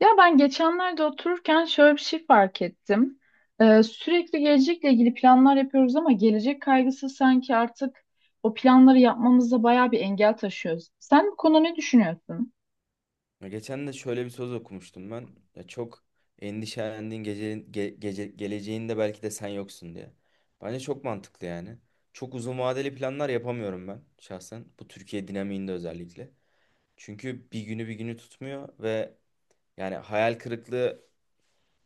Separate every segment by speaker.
Speaker 1: Ya ben geçenlerde otururken şöyle bir şey fark ettim. Sürekli gelecekle ilgili planlar yapıyoruz ama gelecek kaygısı sanki artık o planları yapmamızda bayağı bir engel taşıyoruz. Sen bu konuda ne düşünüyorsun?
Speaker 2: Ya geçen de şöyle bir söz okumuştum ben. Ya çok endişelendiğin gece, gece, geleceğinde belki de sen yoksun diye. Bence çok mantıklı yani. Çok uzun vadeli planlar yapamıyorum ben şahsen. Bu Türkiye dinamiğinde özellikle. Çünkü bir günü bir günü tutmuyor ve yani hayal kırıklığı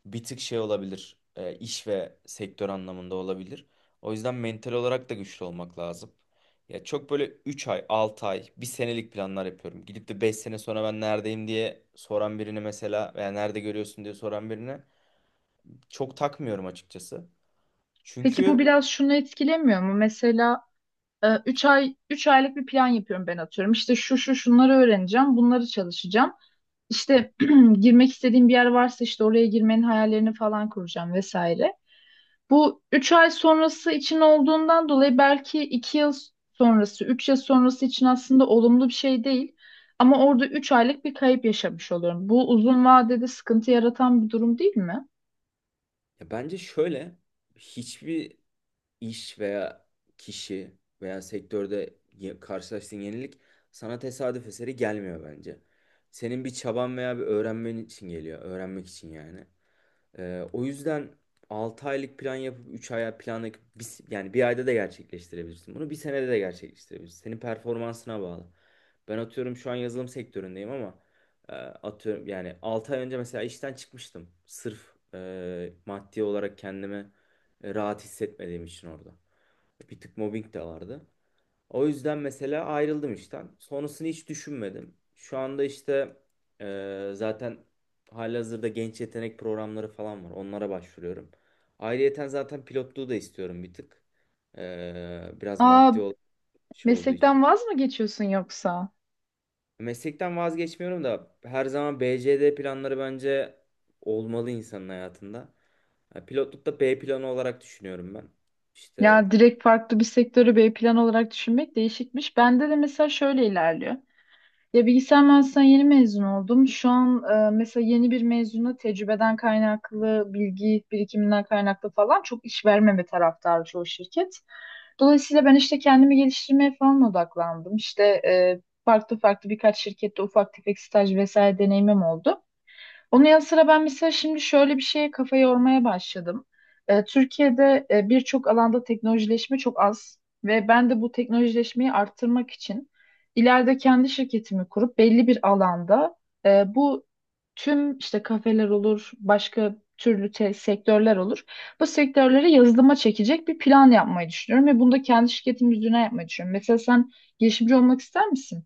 Speaker 2: bir tık şey olabilir. İş ve sektör anlamında olabilir. O yüzden mental olarak da güçlü olmak lazım. Ya çok böyle 3 ay, 6 ay, bir senelik planlar yapıyorum. Gidip de 5 sene sonra ben neredeyim diye soran birine mesela veya nerede görüyorsun diye soran birine çok takmıyorum açıkçası.
Speaker 1: Peki bu
Speaker 2: Çünkü
Speaker 1: biraz şunu etkilemiyor mu? Mesela 3 aylık bir plan yapıyorum ben atıyorum. İşte şu şu şunları öğreneceğim, bunları çalışacağım. İşte girmek istediğim bir yer varsa işte oraya girmenin hayallerini falan kuracağım vesaire. Bu 3 ay sonrası için olduğundan dolayı belki 2 yıl sonrası, 3 yıl sonrası için aslında olumlu bir şey değil. Ama orada 3 aylık bir kayıp yaşamış oluyorum. Bu uzun vadede sıkıntı yaratan bir durum değil mi?
Speaker 2: ya bence şöyle hiçbir iş veya kişi veya sektörde karşılaştığın yenilik sana tesadüf eseri gelmiyor bence. Senin bir çaban veya bir öğrenmen için geliyor. Öğrenmek için yani. O yüzden 6 aylık plan yapıp 3 aya plan yapıp yani bir ayda da gerçekleştirebilirsin. Bunu bir senede de gerçekleştirebilirsin. Senin performansına bağlı. Ben atıyorum şu an yazılım sektöründeyim ama atıyorum yani 6 ay önce mesela işten çıkmıştım. Sırf maddi olarak kendimi rahat hissetmediğim için orada. Bir tık mobbing de vardı. O yüzden mesela ayrıldım işten. Sonrasını hiç düşünmedim. Şu anda işte zaten halihazırda genç yetenek programları falan var. Onlara başvuruyorum. Ayrıyeten zaten pilotluğu da istiyorum bir tık. Biraz
Speaker 1: Aa,
Speaker 2: maddi şey olduğu için.
Speaker 1: meslekten vaz mı geçiyorsun yoksa?
Speaker 2: Meslekten vazgeçmiyorum da her zaman BCD planları bence olmalı insanın hayatında. Ya pilotlukta B planı olarak düşünüyorum ben. İşte
Speaker 1: Ya direkt farklı bir sektörü B plan olarak düşünmek değişikmiş. Bende de mesela şöyle ilerliyor. Ya bilgisayar mühendisliğinden yeni mezun oldum. Şu an mesela yeni bir mezuna tecrübeden kaynaklı, bilgi birikiminden kaynaklı falan çok iş vermeme taraftarı çoğu şirket. Dolayısıyla ben işte kendimi geliştirmeye falan odaklandım. İşte farklı farklı birkaç şirkette ufak tefek staj vesaire deneyimim oldu. Onun yanı sıra ben mesela şimdi şöyle bir şeye kafa yormaya başladım. Türkiye'de birçok alanda teknolojileşme çok az ve ben de bu teknolojileşmeyi arttırmak için ileride kendi şirketimi kurup belli bir alanda bu tüm işte kafeler olur, başka türlü sektörler olur. Bu sektörlere yazılıma çekecek bir plan yapmayı düşünüyorum ve bunu da kendi şirketim üzerine yapmayı düşünüyorum. Mesela sen girişimci olmak ister misin?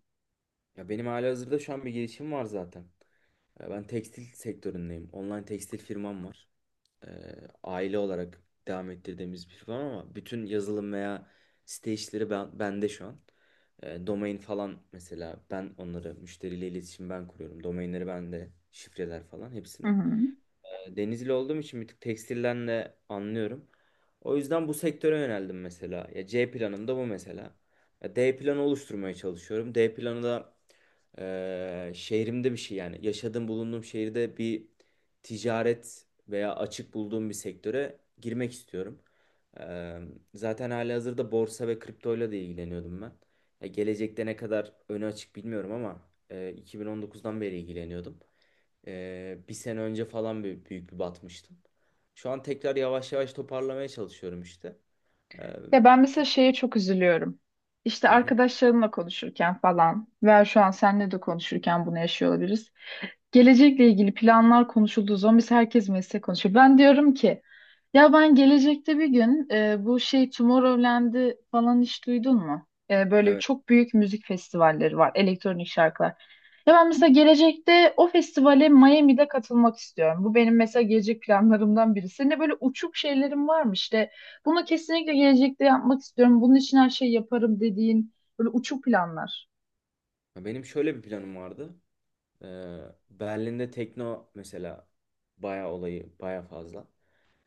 Speaker 2: ya benim halihazırda şu an bir girişim var zaten. Ben tekstil sektöründeyim. Online tekstil firmam var. Ee, Aile olarak devam ettirdiğimiz bir firma ama bütün yazılım veya site işleri ben, bende şu an. Domain falan mesela ben onları müşteriyle iletişim ben kuruyorum. Domainleri bende, şifreler falan
Speaker 1: Hı
Speaker 2: hepsini.
Speaker 1: hı.
Speaker 2: Denizli olduğum için bir tık tekstilden de anlıyorum. O yüzden bu sektöre yöneldim mesela. Ya C planım da bu mesela. Ya D planı oluşturmaya çalışıyorum. D planı da şehrimde bir şey yani. Yaşadığım bulunduğum şehirde bir ticaret veya açık bulduğum bir sektöre girmek istiyorum. Eee, Zaten halihazırda borsa ve kriptoyla da ilgileniyordum ben. Ya gelecekte ne kadar önü açık bilmiyorum ama 2019'dan beri ilgileniyordum. Bir sene önce falan büyük bir batmıştım. Şu an tekrar yavaş yavaş toparlamaya çalışıyorum işte. Ee,
Speaker 1: Ya ben mesela şeye çok üzülüyorum. İşte
Speaker 2: hı hı.
Speaker 1: arkadaşlarımla konuşurken falan veya şu an seninle de konuşurken bunu yaşıyor olabiliriz. Gelecekle ilgili planlar konuşulduğu zaman biz herkes meslek konuşuyor. Ben diyorum ki ya ben gelecekte bir gün bu şey Tomorrowland'i falan hiç duydun mu? Böyle
Speaker 2: Evet.
Speaker 1: çok büyük müzik festivalleri var, elektronik şarkılar. Ya ben mesela gelecekte o festivale Miami'de katılmak istiyorum. Bu benim mesela gelecek planlarımdan biri. Senin de böyle uçuk şeylerim var mı işte? Bunu kesinlikle gelecekte yapmak istiyorum. Bunun için her şeyi yaparım dediğin böyle uçuk planlar.
Speaker 2: Ya benim şöyle bir planım vardı. Ee, Berlin'de tekno mesela bayağı olayı bayağı fazla.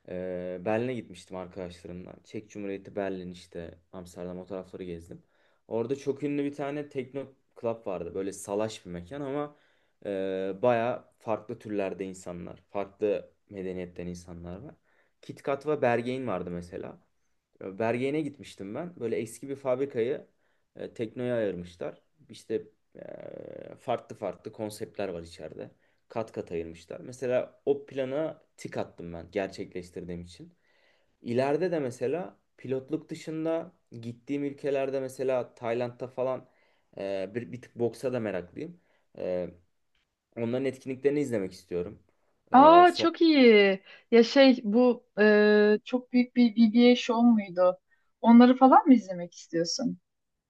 Speaker 2: Berlin'e gitmiştim arkadaşlarımla. Çek Cumhuriyeti, Berlin, işte Amsterdam, o tarafları gezdim. Orada çok ünlü bir tane tekno club vardı. Böyle salaş bir mekan ama e, baya farklı türlerde insanlar, farklı medeniyetten insanlar var. KitKat ve Berghain vardı mesela. Ya Bergen'e gitmiştim ben. Böyle eski bir fabrikayı teknoya ayırmışlar. İşte farklı farklı konseptler var içeride. Kat kat ayırmışlar. Mesela o plana tik attım ben gerçekleştirdiğim için. İleride de mesela pilotluk dışında gittiğim ülkelerde mesela Tayland'da falan bir tık boksa da meraklıyım. E, Onların etkinliklerini izlemek istiyorum. E,
Speaker 1: Aa, çok iyi. Ya şey bu çok büyük bir BBA show muydu? Onları falan mı izlemek istiyorsun?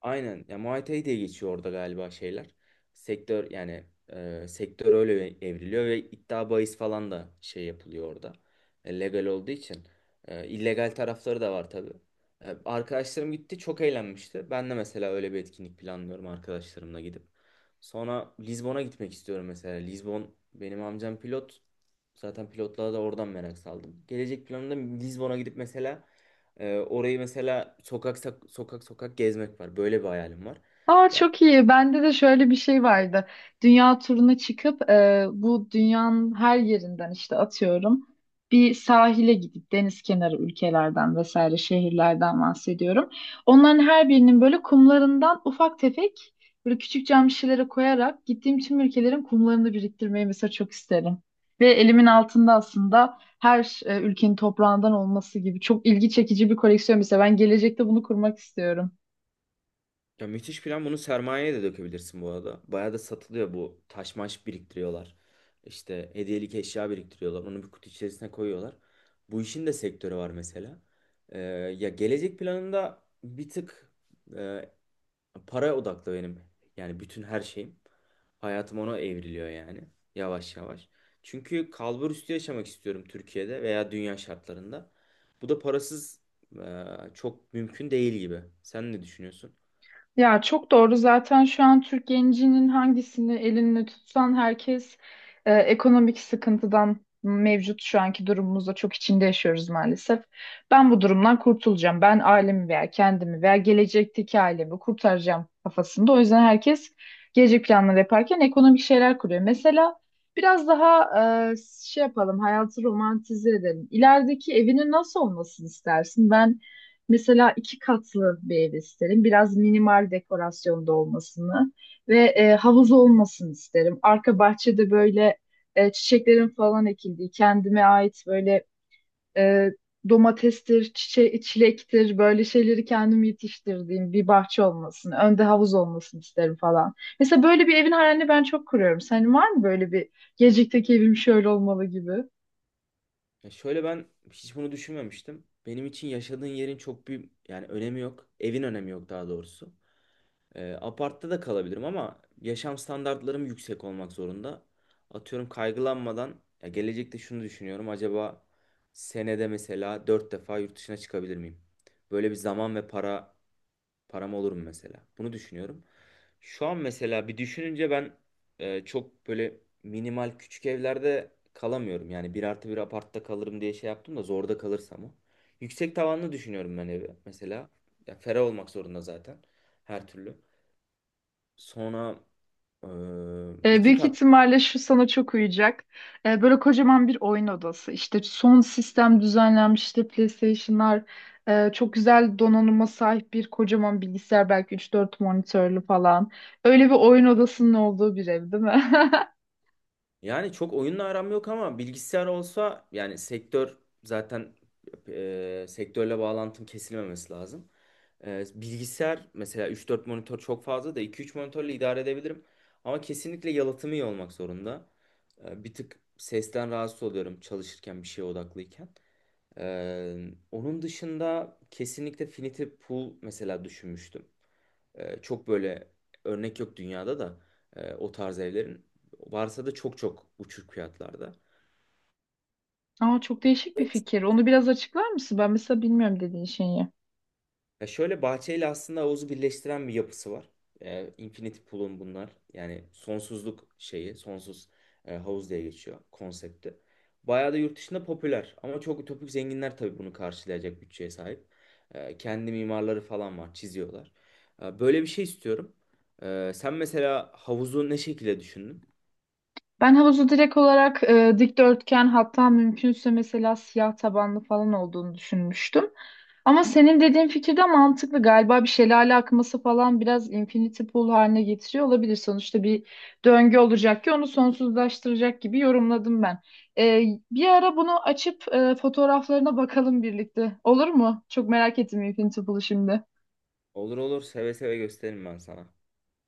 Speaker 2: Aynen. Ya Muay Thai diye geçiyor orada galiba şeyler. Sektör yani sektör öyle evriliyor ve iddia bahis falan da şey yapılıyor orada. Legal olduğu için. İllegal tarafları da var tabii. Arkadaşlarım gitti çok eğlenmişti. Ben de mesela öyle bir etkinlik planlıyorum arkadaşlarımla gidip. Sonra Lizbon'a gitmek istiyorum mesela. Lizbon, benim amcam pilot. Zaten pilotluğa da oradan merak saldım. Gelecek planımda Lizbon'a gidip mesela orayı mesela sokak sokak gezmek var. Böyle bir hayalim var.
Speaker 1: Aa,
Speaker 2: Ya,
Speaker 1: çok iyi. Bende de şöyle bir şey vardı. Dünya turuna çıkıp bu dünyanın her yerinden işte atıyorum bir sahile gidip deniz kenarı ülkelerden vesaire şehirlerden bahsediyorum. Onların her birinin böyle kumlarından ufak tefek böyle küçük cam şişelere koyarak gittiğim tüm ülkelerin kumlarını biriktirmeyi mesela çok isterim. Ve elimin altında aslında her ülkenin toprağından olması gibi çok ilgi çekici bir koleksiyon mesela ben gelecekte bunu kurmak istiyorum.
Speaker 2: ya müthiş plan. Bunu sermayeye de dökebilirsin bu arada. Bayağı da satılıyor bu. Taş maş biriktiriyorlar. İşte hediyelik eşya biriktiriyorlar. Onu bir kutu içerisine koyuyorlar. Bu işin de sektörü var mesela. Ee, Ya gelecek planında bir tık para odaklı benim. Yani bütün her şeyim. Hayatım ona evriliyor yani. Yavaş yavaş. Çünkü kalbur üstü yaşamak istiyorum Türkiye'de veya dünya şartlarında. Bu da parasız e, çok mümkün değil gibi. Sen ne düşünüyorsun?
Speaker 1: Ya çok doğru. Zaten şu an Türk gencinin hangisini elinle tutsan herkes ekonomik sıkıntıdan mevcut şu anki durumumuzda çok içinde yaşıyoruz maalesef. Ben bu durumdan kurtulacağım. Ben ailemi veya kendimi veya gelecekteki ailemi kurtaracağım kafasında. O yüzden herkes gelecek planları yaparken ekonomik şeyler kuruyor. Mesela biraz daha e, şey yapalım, hayatı romantize edelim. İlerideki evinin nasıl olmasını istersin? Ben mesela iki katlı bir ev isterim. Biraz minimal dekorasyonda olmasını ve havuz olmasını isterim. Arka bahçede böyle çiçeklerin falan ekildiği, kendime ait böyle e, domatestir, çilektir, böyle şeyleri kendim yetiştirdiğim bir bahçe olmasını, önde havuz olmasını isterim falan. Mesela böyle bir evin hayalini ben çok kuruyorum. Senin var mı böyle bir gelecekteki evim şöyle olmalı gibi?
Speaker 2: Ya şöyle, ben hiç bunu düşünmemiştim. Benim için yaşadığın yerin çok bir yani önemi yok. Evin önemi yok daha doğrusu. Apartta da kalabilirim ama yaşam standartlarım yüksek olmak zorunda. Atıyorum kaygılanmadan, ya gelecekte şunu düşünüyorum. Acaba senede mesela 4 defa yurt dışına çıkabilir miyim? Böyle bir zaman ve para, param olur mu mesela? Bunu düşünüyorum. Şu an mesela bir düşününce ben çok böyle minimal küçük evlerde kalamıyorum. Yani 1+1 apartta kalırım diye şey yaptım da zorda kalırsam o. Yüksek tavanlı düşünüyorum ben evi mesela. Ya ferah olmak zorunda zaten her türlü. Sonra
Speaker 1: E,
Speaker 2: iki
Speaker 1: büyük
Speaker 2: kat.
Speaker 1: ihtimalle şu sana çok uyacak. E, böyle kocaman bir oyun odası. İşte son sistem düzenlenmiş işte PlayStation'lar, çok güzel donanıma sahip bir kocaman bilgisayar belki 3-4 monitörlü falan. Öyle bir oyun odasının olduğu bir ev değil mi?
Speaker 2: Yani çok oyunla aram yok ama bilgisayar olsa yani sektör zaten sektörle bağlantım kesilmemesi lazım. Bilgisayar mesela 3-4 monitör çok fazla da 2-3 monitörle idare edebilirim. Ama kesinlikle yalıtımı iyi olmak zorunda. Bir tık sesten rahatsız oluyorum çalışırken bir şeye odaklıyken. Onun dışında kesinlikle Finity Pool mesela düşünmüştüm. Çok böyle örnek yok dünyada da o tarz evlerin. Varsa da çok çok uçuk fiyatlarda.
Speaker 1: Aa, çok değişik bir fikir. Onu biraz açıklar mısın? Ben mesela bilmiyorum dediğin şeyi.
Speaker 2: Ya şöyle, bahçeyle aslında havuzu birleştiren bir yapısı var. Infinity Pool'un bunlar. Yani sonsuzluk şeyi, sonsuz havuz diye geçiyor konsepti. Bayağı da yurt dışında popüler. Ama çok ütopik, zenginler tabii bunu karşılayacak bütçeye sahip. Kendi mimarları falan var, çiziyorlar. Böyle bir şey istiyorum. Sen mesela havuzu ne şekilde düşündün?
Speaker 1: Ben havuzu direkt olarak dikdörtgen hatta mümkünse mesela siyah tabanlı falan olduğunu düşünmüştüm. Ama senin dediğin fikir de mantıklı. Galiba bir şelale akması falan biraz infinity pool haline getiriyor olabilir. Sonuçta bir döngü olacak ki onu sonsuzlaştıracak gibi yorumladım ben. E, bir ara bunu açıp fotoğraflarına bakalım birlikte. Olur mu? Çok merak ettim infinity pool'u şimdi.
Speaker 2: Olur olur, seve seve gösteririm ben sana.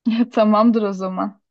Speaker 1: Tamamdır o zaman.